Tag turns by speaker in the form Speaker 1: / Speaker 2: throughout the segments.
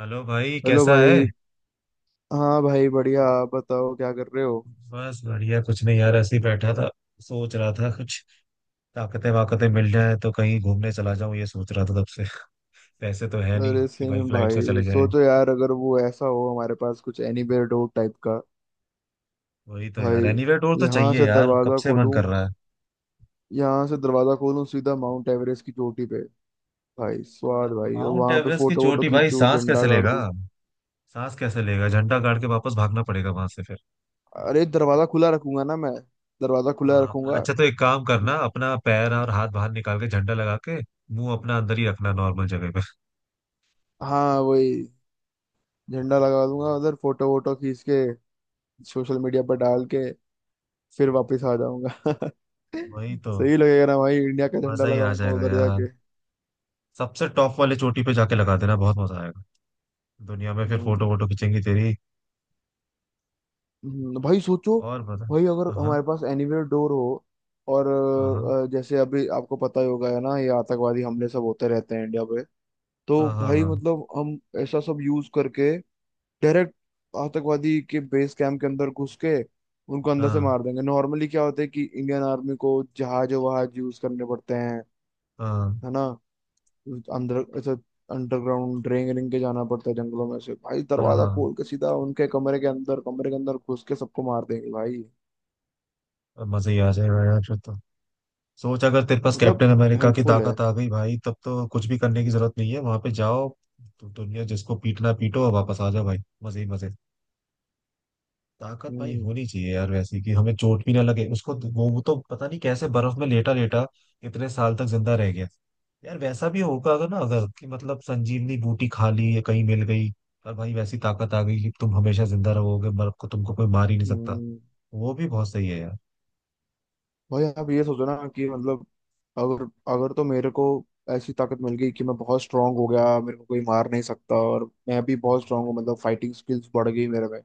Speaker 1: Hello भाई,
Speaker 2: hello
Speaker 1: कैसा है।
Speaker 2: भाई। हाँ भाई, बढ़िया। आप बताओ क्या कर रहे हो?
Speaker 1: बस बढ़िया, कुछ नहीं यार, ऐसे ही बैठा था। सोच रहा था कुछ। ताकतें वाकतें मिल जाए तो कहीं घूमने चला जाऊं, ये सोच रहा था तब से। पैसे तो है
Speaker 2: अरे
Speaker 1: नहीं कि भाई
Speaker 2: सेम
Speaker 1: फ्लाइट से
Speaker 2: भाई,
Speaker 1: चले जाएं।
Speaker 2: सोचो यार, अगर वो ऐसा हो हमारे पास कुछ एनीवेयर डोर टाइप का।
Speaker 1: वही तो यार,
Speaker 2: भाई
Speaker 1: एनीवे टूर तो
Speaker 2: यहाँ
Speaker 1: चाहिए
Speaker 2: से
Speaker 1: यार, कब
Speaker 2: दरवाजा
Speaker 1: से मन
Speaker 2: खोलूं
Speaker 1: कर रहा है।
Speaker 2: यहाँ से दरवाजा खोलूं सीधा माउंट एवरेस्ट की चोटी पे। भाई स्वाद भाई, और
Speaker 1: माउंट
Speaker 2: वहां पे
Speaker 1: एवरेस्ट की
Speaker 2: फोटो वोटो
Speaker 1: चोटी, भाई
Speaker 2: खींचूं,
Speaker 1: सांस
Speaker 2: झंडा
Speaker 1: कैसे
Speaker 2: गाड़
Speaker 1: लेगा।
Speaker 2: दूं।
Speaker 1: सांस कैसे लेगा, झंडा गाड़ के वापस भागना पड़ेगा वहां से फिर।
Speaker 2: अरे, दरवाजा खुला रखूंगा ना मैं, दरवाजा खुला
Speaker 1: हाँ,
Speaker 2: रखूंगा।
Speaker 1: अच्छा, तो एक काम करना, अपना पैर और हाथ बाहर निकाल के झंडा लगा के मुंह अपना अंदर ही रखना नॉर्मल जगह पे।
Speaker 2: हाँ वही, झंडा लगा दूंगा उधर, फोटो वोटो खींच के, सोशल मीडिया पर डाल के फिर वापस आ जाऊंगा।
Speaker 1: वही तो।
Speaker 2: सही लगेगा ना भाई, इंडिया का झंडा
Speaker 1: मजा ही आ
Speaker 2: लगाऊंगा
Speaker 1: जाएगा
Speaker 2: उधर
Speaker 1: यार।
Speaker 2: जाके।
Speaker 1: सबसे टॉप वाले चोटी पे जाके लगा देना, बहुत मजा आएगा। दुनिया में फिर
Speaker 2: हम्म,
Speaker 1: फोटो वोटो खींचेंगी तेरी।
Speaker 2: भाई सोचो।
Speaker 1: और मजा।
Speaker 2: भाई अगर
Speaker 1: हाँ हाँ,
Speaker 2: हमारे पास एनीवेयर डोर हो, और
Speaker 1: हाँ।
Speaker 2: जैसे अभी आपको पता ही होगा, है ना, ये आतंकवादी हमले सब होते रहते हैं इंडिया पे, तो
Speaker 1: हाँ,
Speaker 2: भाई
Speaker 1: हाँ।
Speaker 2: मतलब हम ऐसा सब यूज करके डायरेक्ट आतंकवादी के बेस कैंप के अंदर घुस के उनको अंदर से मार देंगे। नॉर्मली क्या होता है कि इंडियन आर्मी को जहाज वहाज यूज करने पड़ते हैं,
Speaker 1: हाँ।
Speaker 2: है ना? अंदर ऐसे अंडरग्राउंड ड्रेन रेंग के जाना पड़ता है जंगलों में से। भाई
Speaker 1: हाँ,
Speaker 2: दरवाजा
Speaker 1: हाँ।
Speaker 2: खोल के सीधा उनके कमरे के अंदर, कमरे के अंदर घुस के सबको मार देंगे भाई।
Speaker 1: अब मजा ही आ जाएगा यार, फिर तो। सोच, अगर तेरे पास
Speaker 2: मतलब
Speaker 1: कैप्टन अमेरिका की
Speaker 2: हेल्पफुल है।
Speaker 1: ताकत आ गई भाई, तब तो कुछ भी करने की जरूरत नहीं है, वहां पे जाओ। तो दुनिया, जिसको पीटना पीटो और वापस आ जाओ भाई। मजे ही मजे। ताकत भाई
Speaker 2: हम्म।
Speaker 1: होनी चाहिए यार वैसी, कि हमें चोट भी ना लगे। उसको तो, वो तो पता नहीं कैसे बर्फ में लेटा लेटा इतने साल तक जिंदा रह गया। यार वैसा भी होगा अगर ना, अगर कि, मतलब संजीवनी बूटी खा ली या कहीं मिल गई। और भाई वैसी ताकत आ गई कि तुम हमेशा जिंदा रहोगे, मर को तुमको कोई मार ही नहीं सकता।
Speaker 2: हम्म।
Speaker 1: वो भी बहुत सही है यार।
Speaker 2: भाई आप ये सोचो ना कि मतलब, अगर अगर तो मेरे को ऐसी ताकत मिल गई कि मैं बहुत स्ट्रांग हो गया, मेरे को कोई मार नहीं सकता, और मैं भी बहुत स्ट्रांग हूँ, मतलब फाइटिंग स्किल्स बढ़ गई मेरे में।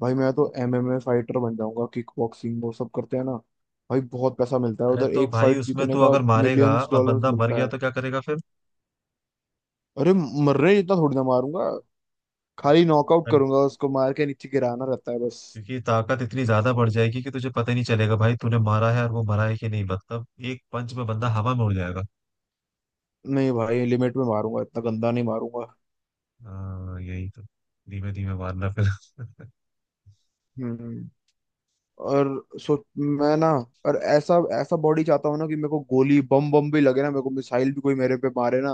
Speaker 2: भाई मैं तो MMA फाइटर बन जाऊंगा, किक बॉक्सिंग वो सब करते हैं ना। भाई बहुत पैसा मिलता है
Speaker 1: अरे,
Speaker 2: उधर,
Speaker 1: तो
Speaker 2: एक
Speaker 1: भाई
Speaker 2: फाइट
Speaker 1: उसमें
Speaker 2: जीतने
Speaker 1: तू
Speaker 2: का।
Speaker 1: अगर मारेगा
Speaker 2: मिलियंस
Speaker 1: और
Speaker 2: डॉलर्स
Speaker 1: बंदा मर
Speaker 2: मिलता
Speaker 1: गया
Speaker 2: है।
Speaker 1: तो क्या करेगा फिर।
Speaker 2: अरे, मर रहे इतना थोड़ी ना मारूंगा, खाली
Speaker 1: अच्छा।
Speaker 2: नॉकआउट करूंगा, उसको मार के नीचे गिराना रहता है बस।
Speaker 1: क्योंकि ताकत इतनी ज्यादा बढ़ जाएगी कि तुझे पता ही नहीं चलेगा भाई, तूने मारा है और वो मरा है कि नहीं, मतलब एक पंच में बंदा हवा में उड़ जाएगा।
Speaker 2: नहीं भाई, लिमिट में मारूंगा, इतना गंदा नहीं मारूंगा।
Speaker 1: हाँ, यही तो। धीमे धीमे मारना फिर।
Speaker 2: हम्म और सो मैं ना, और ऐसा ऐसा बॉडी चाहता हूँ ना कि मेरे को गोली बम बम भी लगे ना, मेरे को मिसाइल भी कोई मेरे पे मारे ना,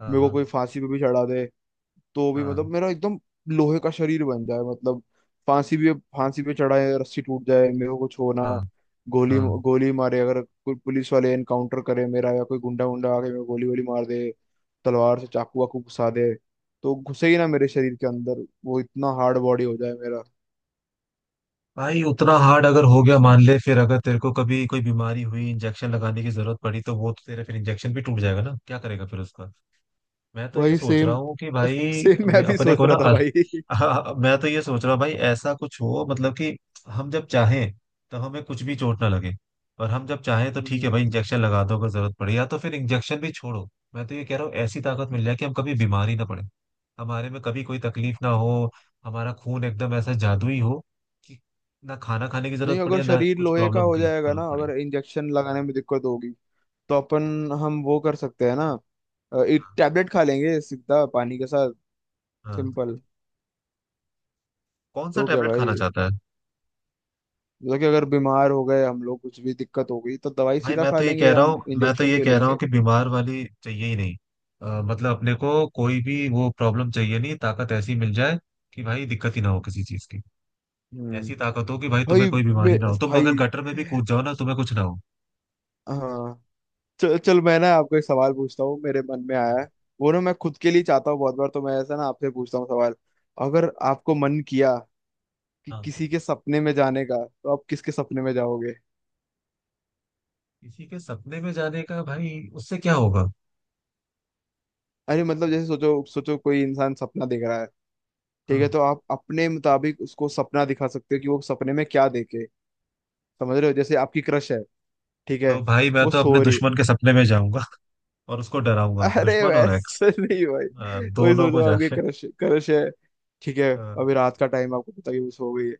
Speaker 1: हाँ,
Speaker 2: मेरे को
Speaker 1: हाँ,
Speaker 2: कोई फांसी पे भी चढ़ा दे तो भी, मतलब
Speaker 1: हाँ,
Speaker 2: मेरा एकदम लोहे का शरीर बन जाए, मतलब फांसी भी, फांसी पे चढ़ाए रस्सी टूट जाए, मेरे को कुछ होना,
Speaker 1: हाँ,
Speaker 2: गोली
Speaker 1: हाँ।
Speaker 2: गोली मारे अगर कोई पुलिस वाले एनकाउंटर करे मेरा, या कोई गुंडा गुंडा आके मेरे को गोली गोली मार दे, तलवार से चाकू वाकू घुसा दे तो घुसे ही ना मेरे शरीर के अंदर, वो इतना हार्ड बॉडी हो जाए मेरा।
Speaker 1: भाई उतना हार्ड अगर हो गया मान ले, फिर अगर तेरे को कभी कोई बीमारी हुई, इंजेक्शन लगाने की जरूरत पड़ी तो वो तो तेरा फिर इंजेक्शन भी टूट जाएगा ना, क्या करेगा फिर उसका। मैं तो ये
Speaker 2: भाई
Speaker 1: सोच रहा
Speaker 2: सेम
Speaker 1: हूँ कि भाई,
Speaker 2: सेम। मैं
Speaker 1: मैं
Speaker 2: भी
Speaker 1: अपने
Speaker 2: सोच
Speaker 1: को ना
Speaker 2: रहा था भाई।
Speaker 1: मैं तो ये सोच रहा हूँ भाई, ऐसा कुछ हो मतलब कि हम जब चाहें तो हमें कुछ भी चोट ना लगे। और हम जब चाहें तो ठीक है
Speaker 2: हम्म,
Speaker 1: भाई, इंजेक्शन लगा दो अगर जरूरत पड़े, या तो फिर इंजेक्शन भी छोड़ो। मैं तो ये कह रहा हूँ, ऐसी ताकत मिल जाए कि हम कभी बीमार ही ना पड़े। हमारे में कभी कोई तकलीफ ना हो। हमारा खून एकदम ऐसा जादुई हो कि ना खाना खाने की
Speaker 2: नहीं,
Speaker 1: जरूरत
Speaker 2: अगर
Speaker 1: पड़े ना
Speaker 2: शरीर
Speaker 1: कुछ
Speaker 2: लोहे का
Speaker 1: प्रॉब्लम
Speaker 2: हो
Speaker 1: की
Speaker 2: जाएगा ना,
Speaker 1: जरूरत
Speaker 2: अगर
Speaker 1: पड़े।
Speaker 2: इंजेक्शन लगाने में दिक्कत होगी, तो अपन हम वो कर सकते हैं ना, एक टैबलेट खा लेंगे सीधा पानी के साथ।
Speaker 1: हाँ।
Speaker 2: सिंपल।
Speaker 1: कौन सा
Speaker 2: तो क्या
Speaker 1: टेबलेट खाना
Speaker 2: भाई,
Speaker 1: चाहता है।
Speaker 2: मतलब कि अगर बीमार हो गए हम लोग, कुछ भी दिक्कत हो गई तो दवाई
Speaker 1: भाई
Speaker 2: सीधा
Speaker 1: मैं
Speaker 2: खा
Speaker 1: तो ये
Speaker 2: लेंगे,
Speaker 1: कह रहा
Speaker 2: हम
Speaker 1: हूँ मैं तो
Speaker 2: इंजेक्शन
Speaker 1: ये
Speaker 2: क्यों
Speaker 1: कह रहा हूँ
Speaker 2: लेंगे।
Speaker 1: कि बीमार वाली चाहिए ही नहीं। मतलब अपने को कोई भी वो प्रॉब्लम चाहिए नहीं, ताकत ऐसी मिल जाए कि भाई दिक्कत ही ना हो किसी चीज की।
Speaker 2: हम्म
Speaker 1: ऐसी ताकत हो कि भाई तुम्हें
Speaker 2: भाई
Speaker 1: कोई
Speaker 2: मैं
Speaker 1: बीमारी ना हो, तुम अगर
Speaker 2: भाई,
Speaker 1: गटर में भी कूद जाओ ना तुम्हें कुछ ना हो।
Speaker 2: हाँ, चल चल मैं ना आपको एक सवाल पूछता हूँ, मेरे मन में आया है। वो ना मैं खुद के लिए चाहता हूँ बहुत बार, तो मैं ऐसा ना आपसे पूछता हूँ सवाल। अगर आपको मन किया कि
Speaker 1: हाँ।
Speaker 2: किसी के सपने में जाने का, तो आप किसके सपने में जाओगे?
Speaker 1: किसी के सपने में जाने का, भाई उससे क्या होगा।
Speaker 2: अरे मतलब, जैसे सोचो सोचो, कोई इंसान सपना देख रहा है, ठीक है,
Speaker 1: हाँ।
Speaker 2: तो आप अपने मुताबिक उसको सपना दिखा सकते हो कि वो सपने में क्या देखे। समझ रहे हो? जैसे आपकी क्रश है, ठीक
Speaker 1: तो
Speaker 2: है,
Speaker 1: भाई मैं
Speaker 2: वो
Speaker 1: तो अपने
Speaker 2: सो रही।
Speaker 1: दुश्मन के सपने में जाऊंगा। और उसको डराऊंगा,
Speaker 2: अरे
Speaker 1: दुश्मन और एक्स,
Speaker 2: वैसे नहीं भाई, वही
Speaker 1: दोनों
Speaker 2: सोचो,
Speaker 1: को
Speaker 2: आपकी
Speaker 1: जाके।
Speaker 2: क्रश क्रश है, ठीक है।
Speaker 1: हाँ,
Speaker 2: अभी रात का टाइम, आपको पता कि वो सो गई है।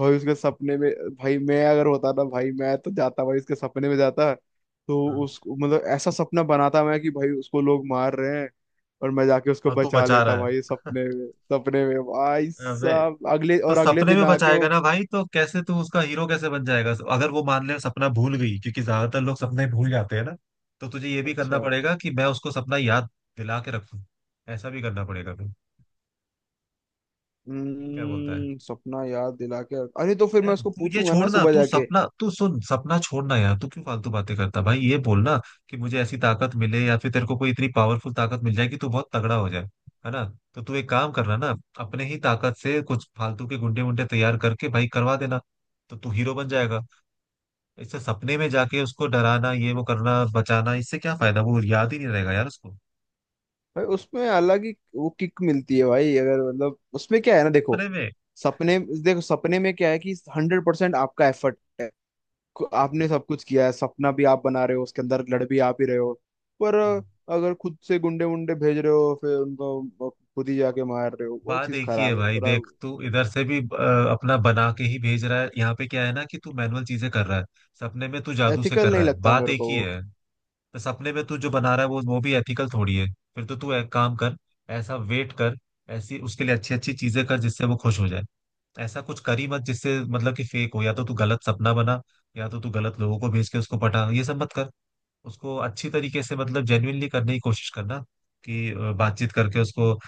Speaker 2: भाई उसके सपने में, भाई मैं अगर होता ना, भाई मैं तो जाता भाई उसके सपने में जाता। तो
Speaker 1: हाँ।
Speaker 2: उसको मतलब ऐसा सपना बनाता मैं कि भाई उसको लोग मार रहे हैं, और मैं जाके उसको
Speaker 1: और तू
Speaker 2: बचा
Speaker 1: बचा
Speaker 2: लेता
Speaker 1: रहा
Speaker 2: भाई
Speaker 1: है।
Speaker 2: सपने में। सपने में भाई
Speaker 1: अबे,
Speaker 2: साहब अगले,
Speaker 1: तो
Speaker 2: और अगले
Speaker 1: सपने
Speaker 2: दिन
Speaker 1: में
Speaker 2: आके
Speaker 1: बचाएगा
Speaker 2: वो।
Speaker 1: ना भाई, तो कैसे तू उसका हीरो कैसे बन जाएगा अगर वो मान ले सपना भूल गई, क्योंकि ज्यादातर लोग सपने भूल जाते हैं ना। तो तुझे ये भी करना
Speaker 2: अच्छा।
Speaker 1: पड़ेगा कि मैं उसको सपना याद दिला के रखूं। ऐसा भी करना पड़ेगा फिर। क्या बोलता है।
Speaker 2: हम्म, सपना याद दिला के। अरे, तो फिर
Speaker 1: यार
Speaker 2: मैं उसको
Speaker 1: तू ये
Speaker 2: पूछूंगा ना
Speaker 1: छोड़ना,
Speaker 2: सुबह
Speaker 1: तू
Speaker 2: जाके।
Speaker 1: सपना, तू सुन, सपना छोड़ना यार, तू क्यों फालतू बातें करता भाई, ये बोलना कि मुझे ऐसी ताकत मिले या फिर तेरे को कोई इतनी पावरफुल ताकत मिल जाए कि तू बहुत तगड़ा हो जाए। है ना। तो तू एक काम करना ना। अपने ही ताकत से कुछ फालतू के गुंडे वुंडे तैयार करके भाई, करवा देना। तो तू हीरो बन जाएगा। इससे सपने में जाके उसको डराना, ये वो करना, बचाना, इससे क्या फायदा, वो याद ही नहीं रहेगा यार उसको।
Speaker 2: भाई उसमें अलग ही वो किक मिलती है भाई, अगर मतलब उसमें क्या है ना,
Speaker 1: सपने में।
Speaker 2: सपने देखो सपने में क्या है कि 100% आपका एफर्ट है। आपने सब कुछ किया है, सपना भी आप बना रहे हो उसके अंदर, लड़ भी आप ही रहे हो। पर अगर खुद से गुंडे वुंडे भेज रहे हो फिर उनको खुद ही जाके मार रहे हो, वो
Speaker 1: बात
Speaker 2: चीज
Speaker 1: एक ही है
Speaker 2: खराब है
Speaker 1: भाई,
Speaker 2: थोड़ा,
Speaker 1: देख तू इधर से भी अपना बना के ही भेज रहा है, यहाँ पे क्या है ना कि तू मैनुअल चीजें कर रहा है। सपने में तू जादू से कर
Speaker 2: एथिकल नहीं
Speaker 1: रहा है,
Speaker 2: लगता
Speaker 1: बात
Speaker 2: मेरे
Speaker 1: एक
Speaker 2: को
Speaker 1: ही
Speaker 2: वो।
Speaker 1: है। तो सपने में तू जो बना रहा है, वो भी एथिकल थोड़ी है। फिर तो तू एक काम कर। ऐसा वेट कर। ऐसी उसके लिए अच्छी अच्छी चीजें कर जिससे वो खुश हो जाए। ऐसा कुछ कर ही मत जिससे मतलब कि फेक हो, या तो तू गलत सपना बना। या तो तू गलत लोगों को भेज के उसको पटा, ये सब मत कर। उसको अच्छी तरीके से मतलब जेन्युइनली करने की कोशिश करना कि बातचीत करके उसको,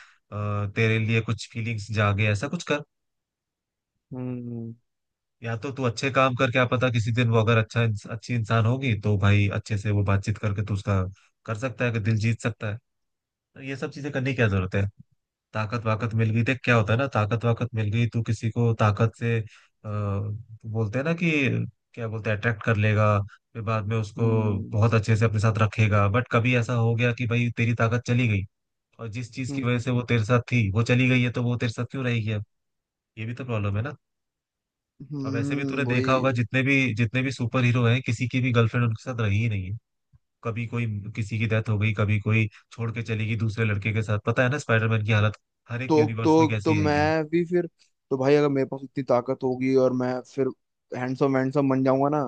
Speaker 1: तेरे लिए कुछ फीलिंग्स जागे, ऐसा कुछ कर।
Speaker 2: हम्म।
Speaker 1: या तो तू अच्छे काम कर, क्या पता किसी दिन वो अगर अच्छी इंसान होगी तो भाई, अच्छे से वो बातचीत करके तू उसका कर सकता है कि दिल जीत सकता है। तो ये सब चीजें करने की क्या जरूरत है। ताकत वाकत मिल गई तो क्या होता है ना, ताकत वाकत मिल गई तो किसी को ताकत से बोलते हैं ना कि क्या बोलते हैं, अट्रैक्ट कर लेगा। फिर बाद में उसको
Speaker 2: हम्म।
Speaker 1: बहुत अच्छे से अपने साथ रखेगा, बट कभी ऐसा हो गया कि भाई तेरी ताकत चली गई और जिस चीज की वजह
Speaker 2: हम्म।
Speaker 1: से वो तेरे साथ थी वो चली गई है, तो वो तेरे साथ क्यों रहेगी अब। ये भी तो प्रॉब्लम है ना। अब वैसे भी तूने देखा होगा,
Speaker 2: वही।
Speaker 1: जितने भी सुपर हीरो हैं, किसी की भी गर्लफ्रेंड उनके साथ रही ही नहीं है। कभी कोई किसी की डेथ हो गई, कभी कोई छोड़ के चली गई दूसरे लड़के के साथ, पता है ना स्पाइडरमैन की हालत हर एक
Speaker 2: तो
Speaker 1: यूनिवर्स में
Speaker 2: तो तो
Speaker 1: कैसी रही है।
Speaker 2: मैं भी फिर, तो भाई अगर मेरे पास इतनी ताकत होगी और मैं फिर हैंडसम वैंडसम बन जाऊंगा ना,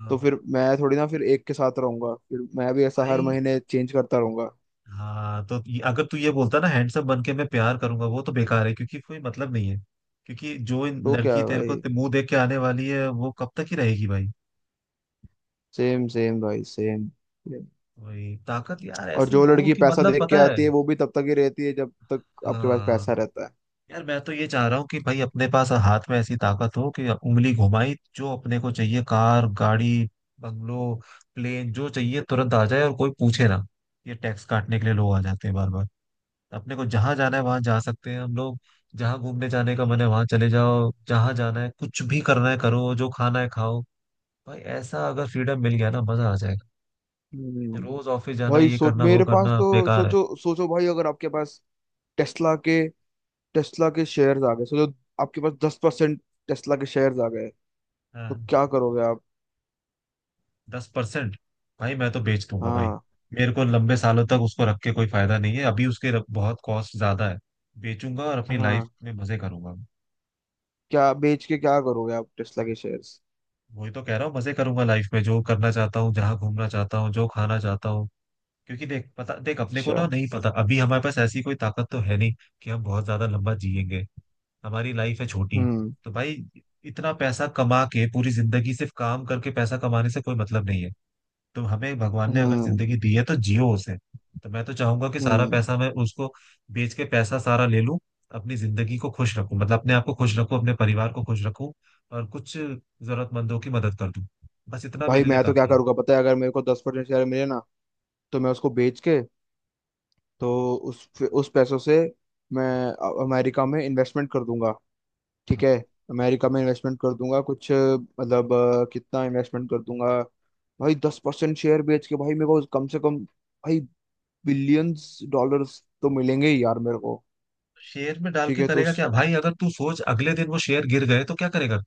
Speaker 1: हाँ,
Speaker 2: तो फिर मैं थोड़ी ना फिर एक के साथ रहूंगा, फिर मैं भी ऐसा हर
Speaker 1: भाई।
Speaker 2: महीने चेंज करता रहूंगा।
Speaker 1: हाँ, तो अगर तू ये बोलता ना हैंडसम बन के मैं प्यार करूंगा, वो तो बेकार है क्योंकि कोई मतलब नहीं है। क्योंकि जो इन
Speaker 2: तो क्या
Speaker 1: लड़की
Speaker 2: है
Speaker 1: तेरे को
Speaker 2: भाई,
Speaker 1: मुंह देख के आने वाली है, वो कब तक ही रहेगी भाई।
Speaker 2: सेम सेम भाई, सेम।
Speaker 1: वही ताकत यार
Speaker 2: और
Speaker 1: ऐसी
Speaker 2: जो
Speaker 1: हो
Speaker 2: लड़की
Speaker 1: कि,
Speaker 2: पैसा
Speaker 1: मतलब
Speaker 2: देख के
Speaker 1: पता है।
Speaker 2: आती है, वो भी तब तक ही रहती है जब तक आपके पास पैसा
Speaker 1: हाँ।
Speaker 2: रहता है।
Speaker 1: यार मैं तो ये चाह रहा हूँ कि भाई, अपने पास हाथ में ऐसी ताकत हो कि उंगली घुमाई जो अपने को चाहिए, कार गाड़ी, बंगलो, प्लेन, जो चाहिए तुरंत आ जाए और कोई पूछे ना। ये टैक्स काटने के लिए लोग आ जाते हैं बार बार। अपने को जहां जाना है वहां जा सकते हैं हम लोग। जहां घूमने जाने का मन है वहां चले जाओ, जहां जाना है, कुछ भी करना है करो, जो खाना है खाओ। भाई ऐसा अगर फ्रीडम मिल गया ना, मजा आ जाएगा।
Speaker 2: हम्म
Speaker 1: रोज ऑफिस जाना,
Speaker 2: भाई
Speaker 1: ये
Speaker 2: सोच,
Speaker 1: करना वो
Speaker 2: मेरे पास,
Speaker 1: करना,
Speaker 2: तो
Speaker 1: बेकार है।
Speaker 2: सोचो सोचो भाई, अगर आपके पास टेस्ला के टेस्ला के शेयर्स आ गए, सोचो। आपके पास 10% टेस्ला के शेयर्स आ गए, तो
Speaker 1: हाँ।
Speaker 2: क्या करोगे आप?
Speaker 1: 10%। भाई मैं तो बेच दूंगा भाई।
Speaker 2: हाँ,
Speaker 1: मेरे को लंबे सालों तक उसको रख के कोई फायदा नहीं है, अभी बहुत कॉस्ट ज्यादा है। बेचूंगा और अपनी लाइफ
Speaker 2: हाँ।
Speaker 1: में मजे करूंगा।
Speaker 2: क्या बेच के क्या करोगे आप टेस्ला के शेयर्स?
Speaker 1: वही तो कह रहा हूँ, मजे करूंगा लाइफ में, जो करना चाहता हूँ, जहां घूमना चाहता हूँ, जो खाना चाहता हूँ। क्योंकि देख, पता देख अपने को
Speaker 2: अच्छा।
Speaker 1: ना नहीं पता, अभी हमारे पास ऐसी कोई ताकत तो है नहीं कि हम बहुत ज्यादा लंबा जिएंगे। हमारी लाइफ है छोटी।
Speaker 2: हम्म।
Speaker 1: तो भाई, इतना पैसा कमा के पूरी जिंदगी सिर्फ काम करके पैसा कमाने से कोई मतलब नहीं है। तो हमें भगवान ने अगर
Speaker 2: हम्म।
Speaker 1: जिंदगी दी है तो जियो उसे। तो मैं तो चाहूंगा कि सारा
Speaker 2: हम्म।
Speaker 1: पैसा मैं उसको बेच के पैसा सारा ले लूं। अपनी जिंदगी को खुश रखूं, मतलब अपने आप को खुश रखूं, अपने परिवार को खुश रखूं और कुछ जरूरतमंदों की मदद कर दूं। बस इतना
Speaker 2: भाई
Speaker 1: मेरे लिए
Speaker 2: मैं तो क्या
Speaker 1: काफी है।
Speaker 2: करूँगा पता है, अगर मेरे को 10% शेयर मिले ना, तो मैं उसको बेच के, तो उस पैसों से मैं अमेरिका में इन्वेस्टमेंट कर दूंगा। ठीक है, अमेरिका में इन्वेस्टमेंट कर दूंगा कुछ, मतलब कितना इन्वेस्टमेंट कर दूंगा? भाई 10% शेयर बेच के भाई, मेरे को कम से कम भाई बिलियंस डॉलर्स तो मिलेंगे ही यार मेरे को।
Speaker 1: शेयर में डाल
Speaker 2: ठीक
Speaker 1: के
Speaker 2: है, तो
Speaker 1: करेगा
Speaker 2: उस,
Speaker 1: क्या भाई, अगर तू सोच अगले दिन वो शेयर गिर गए तो क्या करेगा।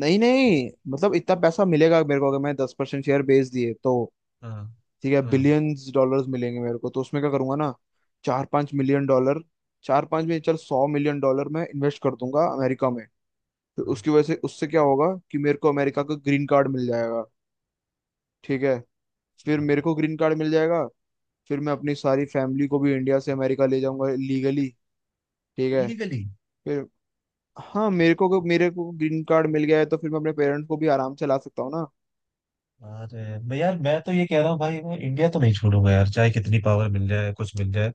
Speaker 2: नहीं नहीं मतलब इतना पैसा मिलेगा मेरे को अगर मैं 10% शेयर बेच दिए तो।
Speaker 1: हाँ,
Speaker 2: ठीक है,
Speaker 1: हाँ,
Speaker 2: बिलियंस डॉलर्स मिलेंगे मेरे को, तो उसमें क्या करूंगा ना, 4-5 मिलियन डॉलर, चार पांच में चल 100 मिलियन डॉलर मैं इन्वेस्ट कर दूंगा अमेरिका में। फिर
Speaker 1: हाँ।
Speaker 2: उसकी वजह से, उससे क्या होगा कि मेरे को अमेरिका का ग्रीन कार्ड मिल जाएगा। ठीक है, फिर मेरे को ग्रीन कार्ड मिल जाएगा, फिर मैं अपनी सारी फैमिली को भी इंडिया से अमेरिका ले जाऊंगा लीगली। ठीक है,
Speaker 1: इलीगली।
Speaker 2: फिर हाँ, मेरे को ग्रीन कार्ड मिल गया है तो फिर मैं अपने पेरेंट्स को भी आराम से ला सकता हूँ ना।
Speaker 1: अरे मैं यार, मैं तो ये कह रहा हूँ भाई, मैं इंडिया तो नहीं छोड़ूंगा यार, चाहे कितनी पावर मिल जाए कुछ मिल जाए।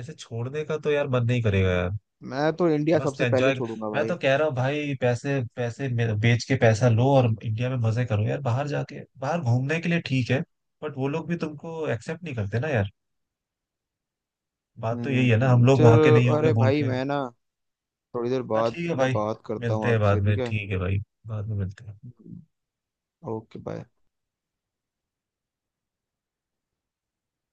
Speaker 1: ऐसे छोड़ने का तो यार, मन नहीं करेगा यार।
Speaker 2: मैं तो इंडिया
Speaker 1: बस
Speaker 2: सबसे पहले
Speaker 1: एंजॉय।
Speaker 2: छोड़ूंगा
Speaker 1: मैं तो
Speaker 2: भाई।
Speaker 1: कह रहा हूँ भाई, पैसे पैसे मे- बेच के पैसा लो और इंडिया में मजे करो यार, बाहर जाके बाहर घूमने के लिए ठीक है। बट वो लोग भी तुमको एक्सेप्ट नहीं करते ना यार। बात तो यही है ना, हम लोग वहां के
Speaker 2: चलो,
Speaker 1: नहीं होंगे
Speaker 2: अरे
Speaker 1: बोल
Speaker 2: भाई
Speaker 1: के।
Speaker 2: मैं ना थोड़ी देर
Speaker 1: हाँ,
Speaker 2: बाद
Speaker 1: ठीक है
Speaker 2: में
Speaker 1: भाई।
Speaker 2: बात करता
Speaker 1: मिलते
Speaker 2: हूँ
Speaker 1: हैं
Speaker 2: आपसे,
Speaker 1: बाद
Speaker 2: ठीक
Speaker 1: में,
Speaker 2: है?
Speaker 1: ठीक है भाई। बाद में मिलते हैं।
Speaker 2: Okay bye.